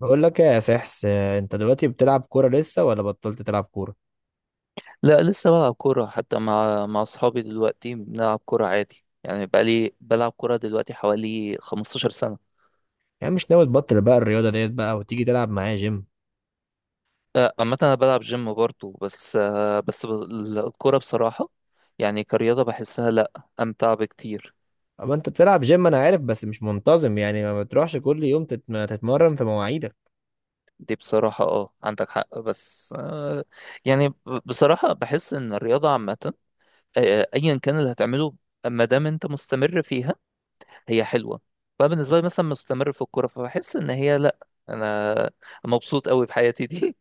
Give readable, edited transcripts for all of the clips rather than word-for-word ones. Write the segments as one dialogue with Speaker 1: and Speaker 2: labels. Speaker 1: بقول لك إيه يا سحس انت دلوقتي بتلعب كوره لسه ولا بطلت تلعب كوره؟
Speaker 2: لا، لسه بلعب كورة حتى مع أصحابي. دلوقتي بنلعب كورة عادي، يعني بقالي بلعب كورة دلوقتي حوالي 15 سنة.
Speaker 1: يعني مش ناوي تبطل بقى الرياضه ديت بقى وتيجي تلعب معايا جيم؟
Speaker 2: عامة أنا بلعب جيم برضه، بس الكورة بصراحة يعني كرياضة بحسها، لأ، أمتع بكتير.
Speaker 1: اما انت بتلعب جيم انا عارف بس مش منتظم، يعني ما بتروحش كل يوم تتمرن في مواعيدك.
Speaker 2: دي بصراحة اه، عندك حق، بس يعني ب- بصراحة بحس إن الرياضة عامة، أيا كان اللي هتعمله ما دام أنت مستمر فيها هي حلوه. فبالنسبه لي مثلا مستمر في الكوره، فبحس ان هي لا، انا مبسوط قوي بحياتي دي.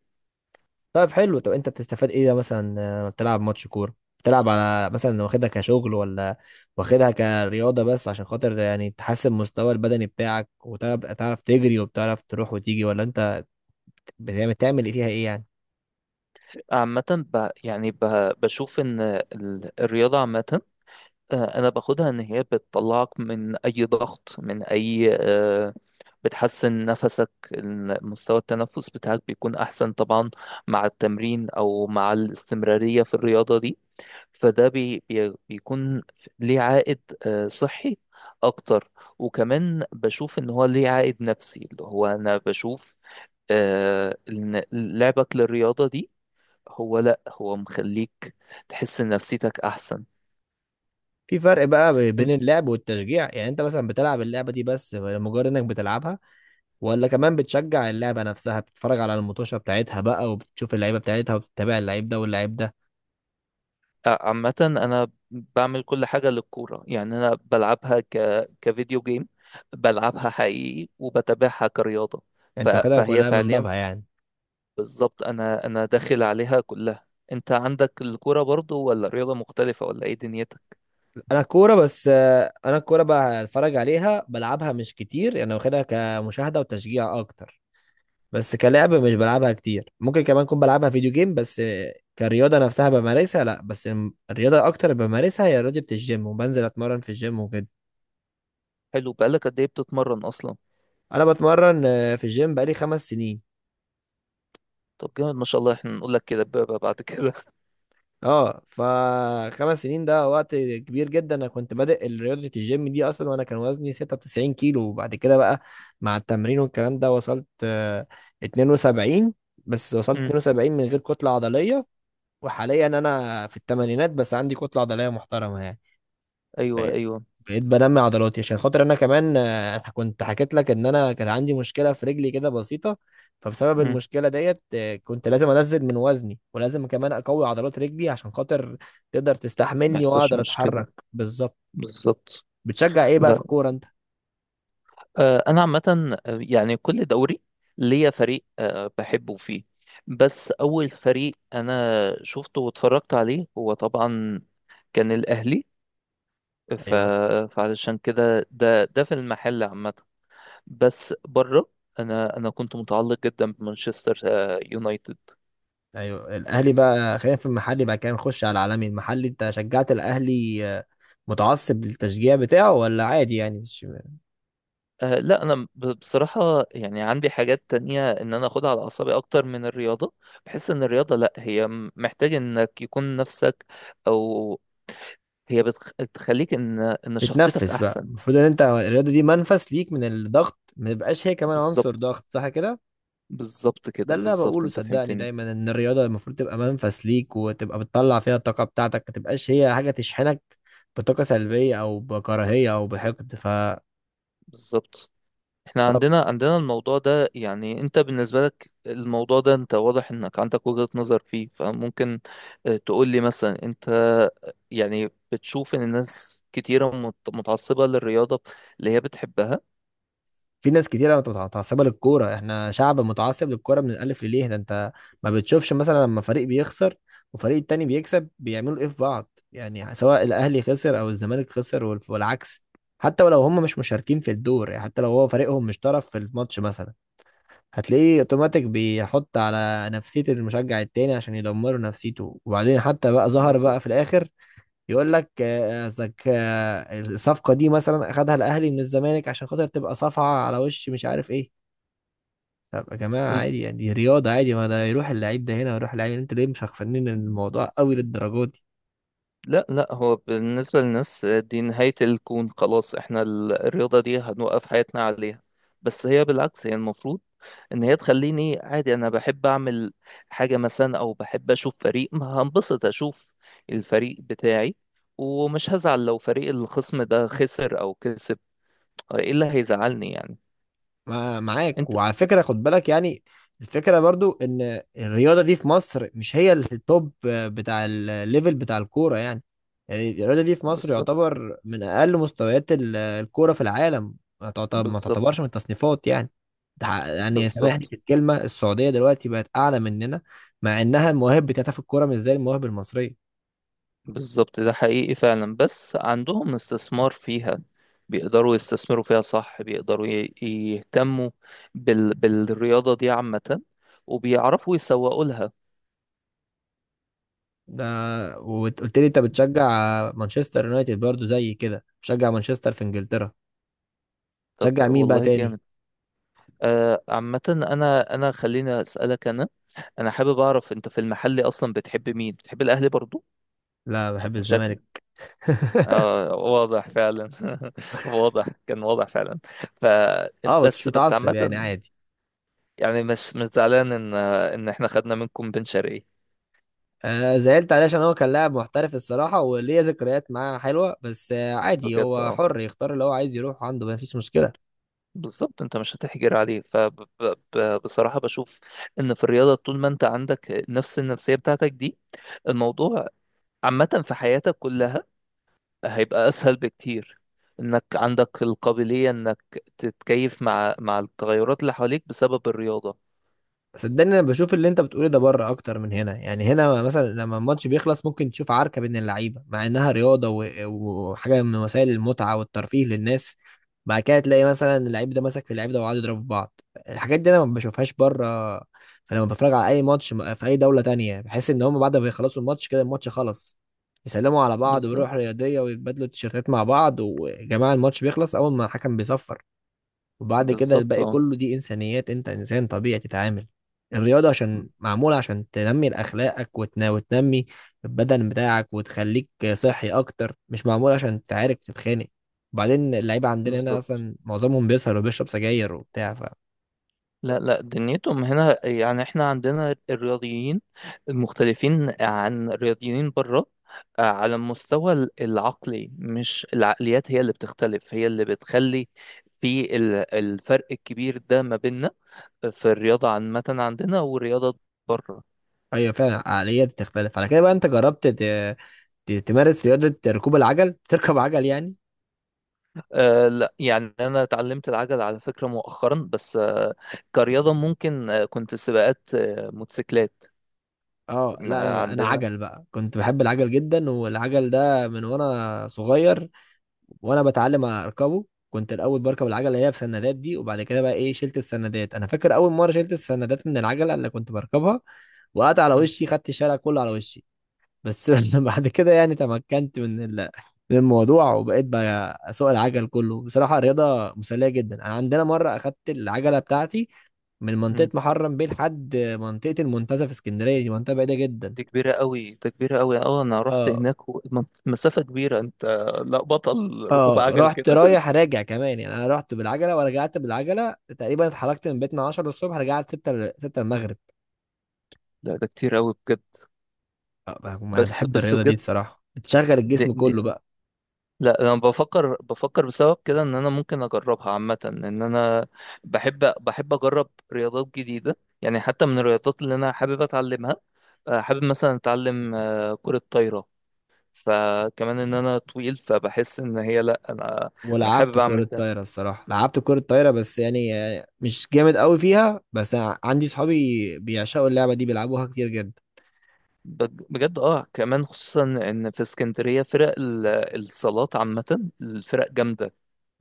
Speaker 1: طيب حلو، طب انت بتستفاد ايه ده مثلا؟ لما بتلعب ماتش كوره بتلعب على مثلا واخدها كشغل ولا واخدها كرياضه بس عشان خاطر يعني تحسن مستوى البدني بتاعك وتبقى تعرف تجري وبتعرف تروح وتيجي، ولا انت تعمل ايه فيها ايه يعني؟
Speaker 2: عامه ب... يعني ب... بشوف ان الرياضه عامه، انا باخدها ان هي بتطلعك من اي ضغط، من اي بتحسن نفسك، مستوى التنفس بتاعك بيكون احسن طبعا مع التمرين او مع الاستمراريه في الرياضه دي. فده بي بي بيكون ليه عائد صحي اكتر. وكمان بشوف ان هو ليه عائد نفسي، اللي هو انا بشوف ان لعبك للرياضة دي هو لا هو مخليك تحس ان نفسيتك احسن.
Speaker 1: في فرق بقى بين
Speaker 2: إن-
Speaker 1: اللعب والتشجيع، يعني انت مثلا بتلعب اللعبة دي بس لمجرد انك بتلعبها، ولا كمان بتشجع اللعبة نفسها، بتتفرج على المطوشة بتاعتها بقى وبتشوف اللعيبة بتاعتها وبتتابع اللعيب ده واللعيب ده؟
Speaker 2: عامة انا بعمل كل حاجة للكورة، يعني انا بلعبها كفيديو جيم، بلعبها حقيقي، وبتابعها كرياضة.
Speaker 1: انت واخدها
Speaker 2: فهي
Speaker 1: كلها من
Speaker 2: فعليا
Speaker 1: بابها يعني.
Speaker 2: بالظبط، انا داخل عليها كلها. انت عندك الكوره برضو، ولا رياضه مختلفه، ولا ايه دنيتك؟
Speaker 1: انا الكورة بس، انا الكورة بقى اتفرج عليها، بلعبها مش كتير، يعني انا واخدها كمشاهدة وتشجيع اكتر. بس كلعب مش بلعبها كتير، ممكن كمان اكون بلعبها فيديو جيم، بس كرياضة نفسها بمارسها لا، بس الرياضة اكتر بمارسها هي رياضة الجيم، وبنزل اتمرن في الجيم وكده.
Speaker 2: حلو، بقالك قد ايه بتتمرن اصلا؟
Speaker 1: انا بتمرن في الجيم بقالي 5 سنين.
Speaker 2: طب جامد، ما شاء الله، احنا نقول لك كده بقى بعد كده.
Speaker 1: اه، فخمس سنين ده وقت كبير جدا. انا كنت بادئ رياضة الجيم دي اصلا وانا كان وزني 96 كيلو، وبعد كده بقى مع التمرين والكلام ده وصلت 72. بس وصلت
Speaker 2: امم.
Speaker 1: 72 من غير كتلة عضلية. وحاليا انا في الثمانينات بس عندي كتلة عضلية محترمة يعني.
Speaker 2: ايوه
Speaker 1: بقيت
Speaker 2: ايوه.
Speaker 1: بقيت بنمي عضلاتي عشان خاطر انا كمان، كنت حكيت لك ان انا كان عندي مشكله في رجلي كده بسيطه. فبسبب
Speaker 2: امم.
Speaker 1: المشكله ديت كنت لازم انزل من وزني ولازم كمان اقوي عضلات رجلي عشان خاطر تقدر
Speaker 2: ما
Speaker 1: تستحملني
Speaker 2: يحصلش
Speaker 1: واقدر
Speaker 2: مشكله،
Speaker 1: اتحرك بالظبط.
Speaker 2: بالظبط.
Speaker 1: بتشجع ايه بقى في
Speaker 2: لا،
Speaker 1: الكوره انت؟
Speaker 2: انا عامه يعني كل دوري ليا فريق آه بحبه فيه، بس اول فريق انا شفته واتفرجت عليه هو طبعا كان الاهلي. ف...
Speaker 1: ايوه
Speaker 2: فعلشان كده ده في المحل عامه. بس بره، انا كنت متعلق جدا بمانشستر يونايتد.
Speaker 1: ايوه، الاهلي بقى. خلينا في المحلي بقى كده نخش على العالمي. المحلي انت شجعت الاهلي، متعصب للتشجيع بتاعه ولا عادي يعني؟
Speaker 2: لا، انا بصراحه يعني عندي حاجات تانية ان انا اخدها على اعصابي اكتر من الرياضه. بحس ان الرياضه لا، هي محتاج انك يكون نفسك، او هي بتخليك ان شخصيتك
Speaker 1: تتنفس بقى،
Speaker 2: احسن.
Speaker 1: المفروض ان انت الرياضه دي منفس ليك من الضغط، ما يبقاش هي كمان عنصر
Speaker 2: بالظبط.
Speaker 1: ضغط، صح كده؟
Speaker 2: بالظبط
Speaker 1: ده
Speaker 2: كده،
Speaker 1: اللي انا
Speaker 2: بالظبط،
Speaker 1: بقوله
Speaker 2: انت
Speaker 1: صدقني
Speaker 2: فهمتني.
Speaker 1: دايما، ان الرياضه المفروض تبقى منفس ليك وتبقى بتطلع فيها الطاقه بتاعتك، ما تبقاش هي حاجه تشحنك بطاقه سلبيه او بكراهيه او بحقد، فطبعا
Speaker 2: بالظبط. احنا عندنا الموضوع ده، يعني انت بالنسبة لك الموضوع ده انت واضح انك عندك وجهة نظر فيه، فممكن اه، تقول لي مثلا، انت يعني بتشوف ان الناس كتيرة متعصبة للرياضة اللي هي بتحبها؟
Speaker 1: في ناس كتيرة متعصبة للكورة. احنا شعب متعصب للكورة من الألف لليه. ده انت ما بتشوفش مثلا لما فريق بيخسر وفريق التاني بيكسب بيعملوا ايه في بعض يعني، سواء الأهلي خسر أو الزمالك خسر والعكس. حتى ولو هم مش مشاركين في الدور، يعني حتى لو هو فريقهم مش طرف في الماتش مثلا، هتلاقيه اوتوماتيك بيحط على نفسية المشجع التاني عشان يدمروا نفسيته. وبعدين حتى بقى ظهر بقى
Speaker 2: بالظبط.
Speaker 1: في الآخر يقول لك قصدك الصفقه دي مثلا اخدها الاهلي من الزمالك عشان خاطر تبقى صفعه على وش مش عارف ايه. طب يا جماعه عادي يعني، دي رياضه عادي، ما ده يروح اللعيب ده هنا ويروح اللعيب، انت ليه مشخصنين الموضوع قوي للدرجه دي؟
Speaker 2: لا لا، هو بالنسبة للناس دي نهاية الكون، خلاص احنا الرياضة دي هنوقف حياتنا عليها. بس هي بالعكس، هي المفروض ان هي تخليني عادي. انا بحب اعمل حاجة مثلا، او بحب اشوف فريق، ما هنبسط اشوف الفريق بتاعي، ومش هزعل لو فريق الخصم ده خسر او كسب. ايه اللي هيزعلني يعني؟
Speaker 1: معاك
Speaker 2: انت
Speaker 1: وعلى فكرة خد بالك يعني، الفكرة برضو ان الرياضة دي في مصر مش هي التوب بتاع الليفل بتاع الكورة يعني. يعني الرياضة دي في مصر
Speaker 2: بالظبط.
Speaker 1: يعتبر من اقل مستويات الكورة في العالم. ما
Speaker 2: بالظبط.
Speaker 1: تعتبرش من التصنيفات يعني. يعني سامحني
Speaker 2: بالظبط.
Speaker 1: في الكلمة، السعودية دلوقتي بقت اعلى مننا، مع انها المواهب بتاعتها في الكورة مش زي المواهب المصرية.
Speaker 2: بالظبط، ده حقيقي فعلا، بس عندهم استثمار فيها، بيقدروا يستثمروا فيها، صح، بيقدروا يهتموا بالرياضة دي عامة، وبيعرفوا يسوقوا لها.
Speaker 1: ده وقلت لي انت بتشجع مانشستر يونايتد برضو، زي كده بتشجع مانشستر في انجلترا.
Speaker 2: طب
Speaker 1: بتشجع مين بقى
Speaker 2: والله
Speaker 1: تاني؟
Speaker 2: جامد. آه عامة، أنا خليني أسألك. أنا أنا حابب أعرف، أنت في المحل أصلا بتحب مين؟ بتحب الأهلي برضو؟
Speaker 1: لا بحب
Speaker 2: شكل.
Speaker 1: الزمالك.
Speaker 2: آه واضح فعلا. واضح، كان واضح فعلا. ف
Speaker 1: اه بس مش
Speaker 2: بس
Speaker 1: متعصب
Speaker 2: عامة،
Speaker 1: يعني، عادي.
Speaker 2: يعني مش مش زعلان إن إحنا خدنا منكم بن شرقي.
Speaker 1: آه زعلت عليه عشان هو كان لاعب محترف الصراحة وليه ذكريات معاه حلوة، بس آه عادي،
Speaker 2: بجد
Speaker 1: هو
Speaker 2: اه.
Speaker 1: حر يختار اللي هو عايز يروح عنده، مفيش مشكلة.
Speaker 2: بالظبط، انت مش هتحجر عليه. فبصراحة بشوف ان في الرياضة، طول ما انت عندك نفس النفسية بتاعتك دي، الموضوع عامة في حياتك كلها هيبقى اسهل بكتير. انك عندك القابلية انك تتكيف مع التغيرات اللي حواليك بسبب الرياضة.
Speaker 1: صدقني انا بشوف اللي انت بتقوله ده بره اكتر من هنا، يعني هنا مثلا لما الماتش بيخلص ممكن تشوف عركه بين اللعيبه، مع انها رياضه وحاجه من وسائل المتعه والترفيه للناس. بعد كده تلاقي مثلا اللعيب ده مسك في اللعيب ده وقعدوا يضربوا في بعض. الحاجات دي انا ما بشوفهاش بره. فلما بتفرج على اي ماتش في اي دوله تانية بحس ان هم بعد ما يخلصوا الماتش كده الماتش خلص، يسلموا على بعض
Speaker 2: بالظبط.
Speaker 1: ويروحوا رياضيه ويتبادلوا التيشيرتات مع بعض. وجماعه الماتش بيخلص اول ما الحكم بيصفر، وبعد كده
Speaker 2: بالظبط
Speaker 1: الباقي
Speaker 2: اه.
Speaker 1: كله دي انسانيات، انت انسان طبيعي تتعامل. الرياضة عشان معمولة عشان تنمي اخلاقك وتنمي البدن بتاعك وتخليك صحي اكتر، مش معمولة عشان تعارك وتتخانق. وبعدين اللعيبة عندنا هنا
Speaker 2: بالظبط.
Speaker 1: اصلا معظمهم بيسهر وبيشرب سجاير وبتاع، ف
Speaker 2: لا لا، دنيتهم هنا. يعني احنا عندنا الرياضيين المختلفين عن الرياضيين بره، على المستوى العقلي، مش العقليات هي اللي بتختلف، هي اللي بتخلي في الفرق الكبير ده ما بيننا في الرياضة عامة عندنا، والرياضة بره.
Speaker 1: ايوه فعلا. العقلية دي تختلف على كده بقى. انت جربت تمارس رياضة ركوب العجل، تركب عجل يعني؟
Speaker 2: لا، يعني أنا اتعلمت العجل على فكرة مؤخرا، بس آه كرياضة. ممكن آه، كنت سباقات آه موتوسيكلات.
Speaker 1: اه لا انا
Speaker 2: كنا
Speaker 1: بقى، انا
Speaker 2: عندنا.
Speaker 1: عجل بقى، كنت بحب العجل جدا، والعجل ده من وانا صغير وانا بتعلم اركبه، كنت الاول بركب العجله اللي هي بسندات دي، وبعد كده بقى ايه شلت السندات. انا فاكر اول مره شلت السندات من العجله اللي كنت بركبها وقعت على
Speaker 2: م-
Speaker 1: وشي، خدت الشارع كله على وشي بس. بعد كده يعني تمكنت من من الموضوع، وبقيت بقى اسوق العجل كله. بصراحه رياضه مسليه جدا. انا عندنا مره اخدت العجله بتاعتي من منطقه
Speaker 2: م.
Speaker 1: محرم بيه لحد منطقه المنتزه في اسكندريه، دي منطقه بعيده جدا.
Speaker 2: دي كبيرة قوي، اه انا رحت
Speaker 1: اه،
Speaker 2: هناك، مسافة كبيرة انت. لا، بطل ركوب
Speaker 1: اه
Speaker 2: عجل
Speaker 1: رحت
Speaker 2: كده.
Speaker 1: رايح راجع كمان يعني، انا رحت بالعجله ورجعت بالعجله. تقريبا اتحركت من بيتنا 10 الصبح، رجعت 6 6 المغرب.
Speaker 2: لا ده كتير قوي بجد.
Speaker 1: انا
Speaker 2: بس
Speaker 1: بحب
Speaker 2: بس
Speaker 1: الرياضه دي
Speaker 2: بجد،
Speaker 1: الصراحه، بتشغل
Speaker 2: دي
Speaker 1: الجسم
Speaker 2: دي
Speaker 1: كله بقى.
Speaker 2: لا، انا بفكر بسبب كده ان انا ممكن اجربها. عامة ان انا بحب اجرب رياضات جديدة، يعني حتى من الرياضات اللي انا حابب اتعلمها، حابب مثلا اتعلم كرة طايرة. فكمان ان انا طويل، فبحس ان هي لا، انا انا
Speaker 1: ولعبت
Speaker 2: حابب اعمل
Speaker 1: كره
Speaker 2: ده،
Speaker 1: طايره الصراحه، لعبت كره طايره بس يعني مش جامد قوي فيها، بس أنا عندي صحابي بيعشقوا اللعبه دي بيلعبوها كتير جدا.
Speaker 2: بجد اه. كمان خصوصا ان في اسكندريه فرق الصالات عامه الفرق جامده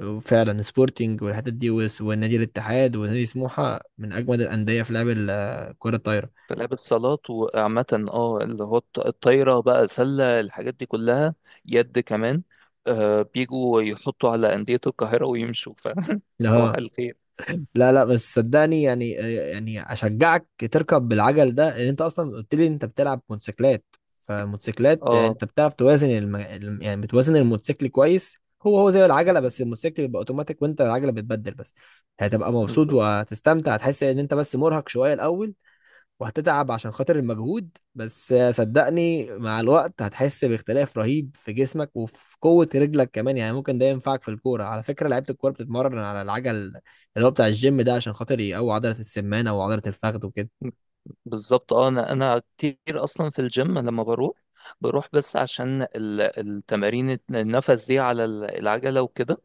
Speaker 1: وفعلا سبورتنج والحتت دي والنادي الاتحاد ونادي سموحه من اجمد الانديه في لعب كره الطايره.
Speaker 2: في لعب الصالات. وعامه اه، اللي هو الطايره بقى، سله، الحاجات دي كلها، يد كمان. آه بيجوا يحطوا على انديه القاهره ويمشوا. ف صباح الخير.
Speaker 1: لا لا، بس صدقني يعني، اشجعك تركب بالعجل ده، لان انت اصلا قلت لي انت بتلعب موتوسيكلات، فموتوسيكلات
Speaker 2: اه
Speaker 1: انت بتعرف توازن يعني بتوازن الموتوسيكل كويس. هو زي العجله، بس الموتوسيكل بيبقى اوتوماتيك وانت العجله بتبدل بس. هتبقى مبسوط وهتستمتع، هتحس ان انت بس مرهق شويه الاول وهتتعب عشان خاطر المجهود، بس صدقني مع الوقت هتحس باختلاف رهيب في جسمك وفي قوة رجلك كمان. يعني ممكن ده ينفعك في الكورة، على فكرة لعيبة الكورة بتتمرن على العجل اللي هو بتاع الجيم ده عشان خاطر يقوي عضلة السمانة وعضلة الفخذ وكده.
Speaker 2: بالظبط اه. انا كتير اصلا في الجيم لما بروح بس عشان التمارين النفس دي على العجلة وكده،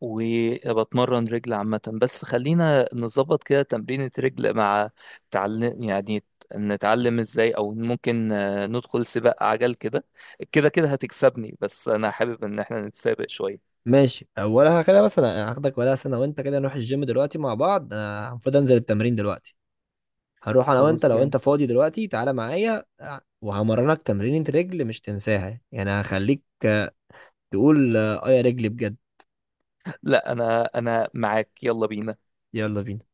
Speaker 2: وبتمرن رجل عامة. بس خلينا نظبط كده تمرينة رجل مع تعلم يعني، نتعلم ازاي، او ممكن ندخل سباق عجل. كده كده كده هتكسبني، بس انا حابب ان احنا نتسابق شوية.
Speaker 1: ماشي ولا كده مثلا هاخدك ولا سنة وانت كده؟ نروح الجيم دلوقتي مع بعض، انا المفروض انزل التمرين دلوقتي. هنروح انا وانت
Speaker 2: خلاص
Speaker 1: لو
Speaker 2: جامد.
Speaker 1: انت فاضي دلوقتي، تعالى معايا وهمرنك تمرينة رجل مش تنساها، يعني هخليك تقول اه يا رجلي بجد.
Speaker 2: لا انا معاك، يلا بينا.
Speaker 1: يلا بينا.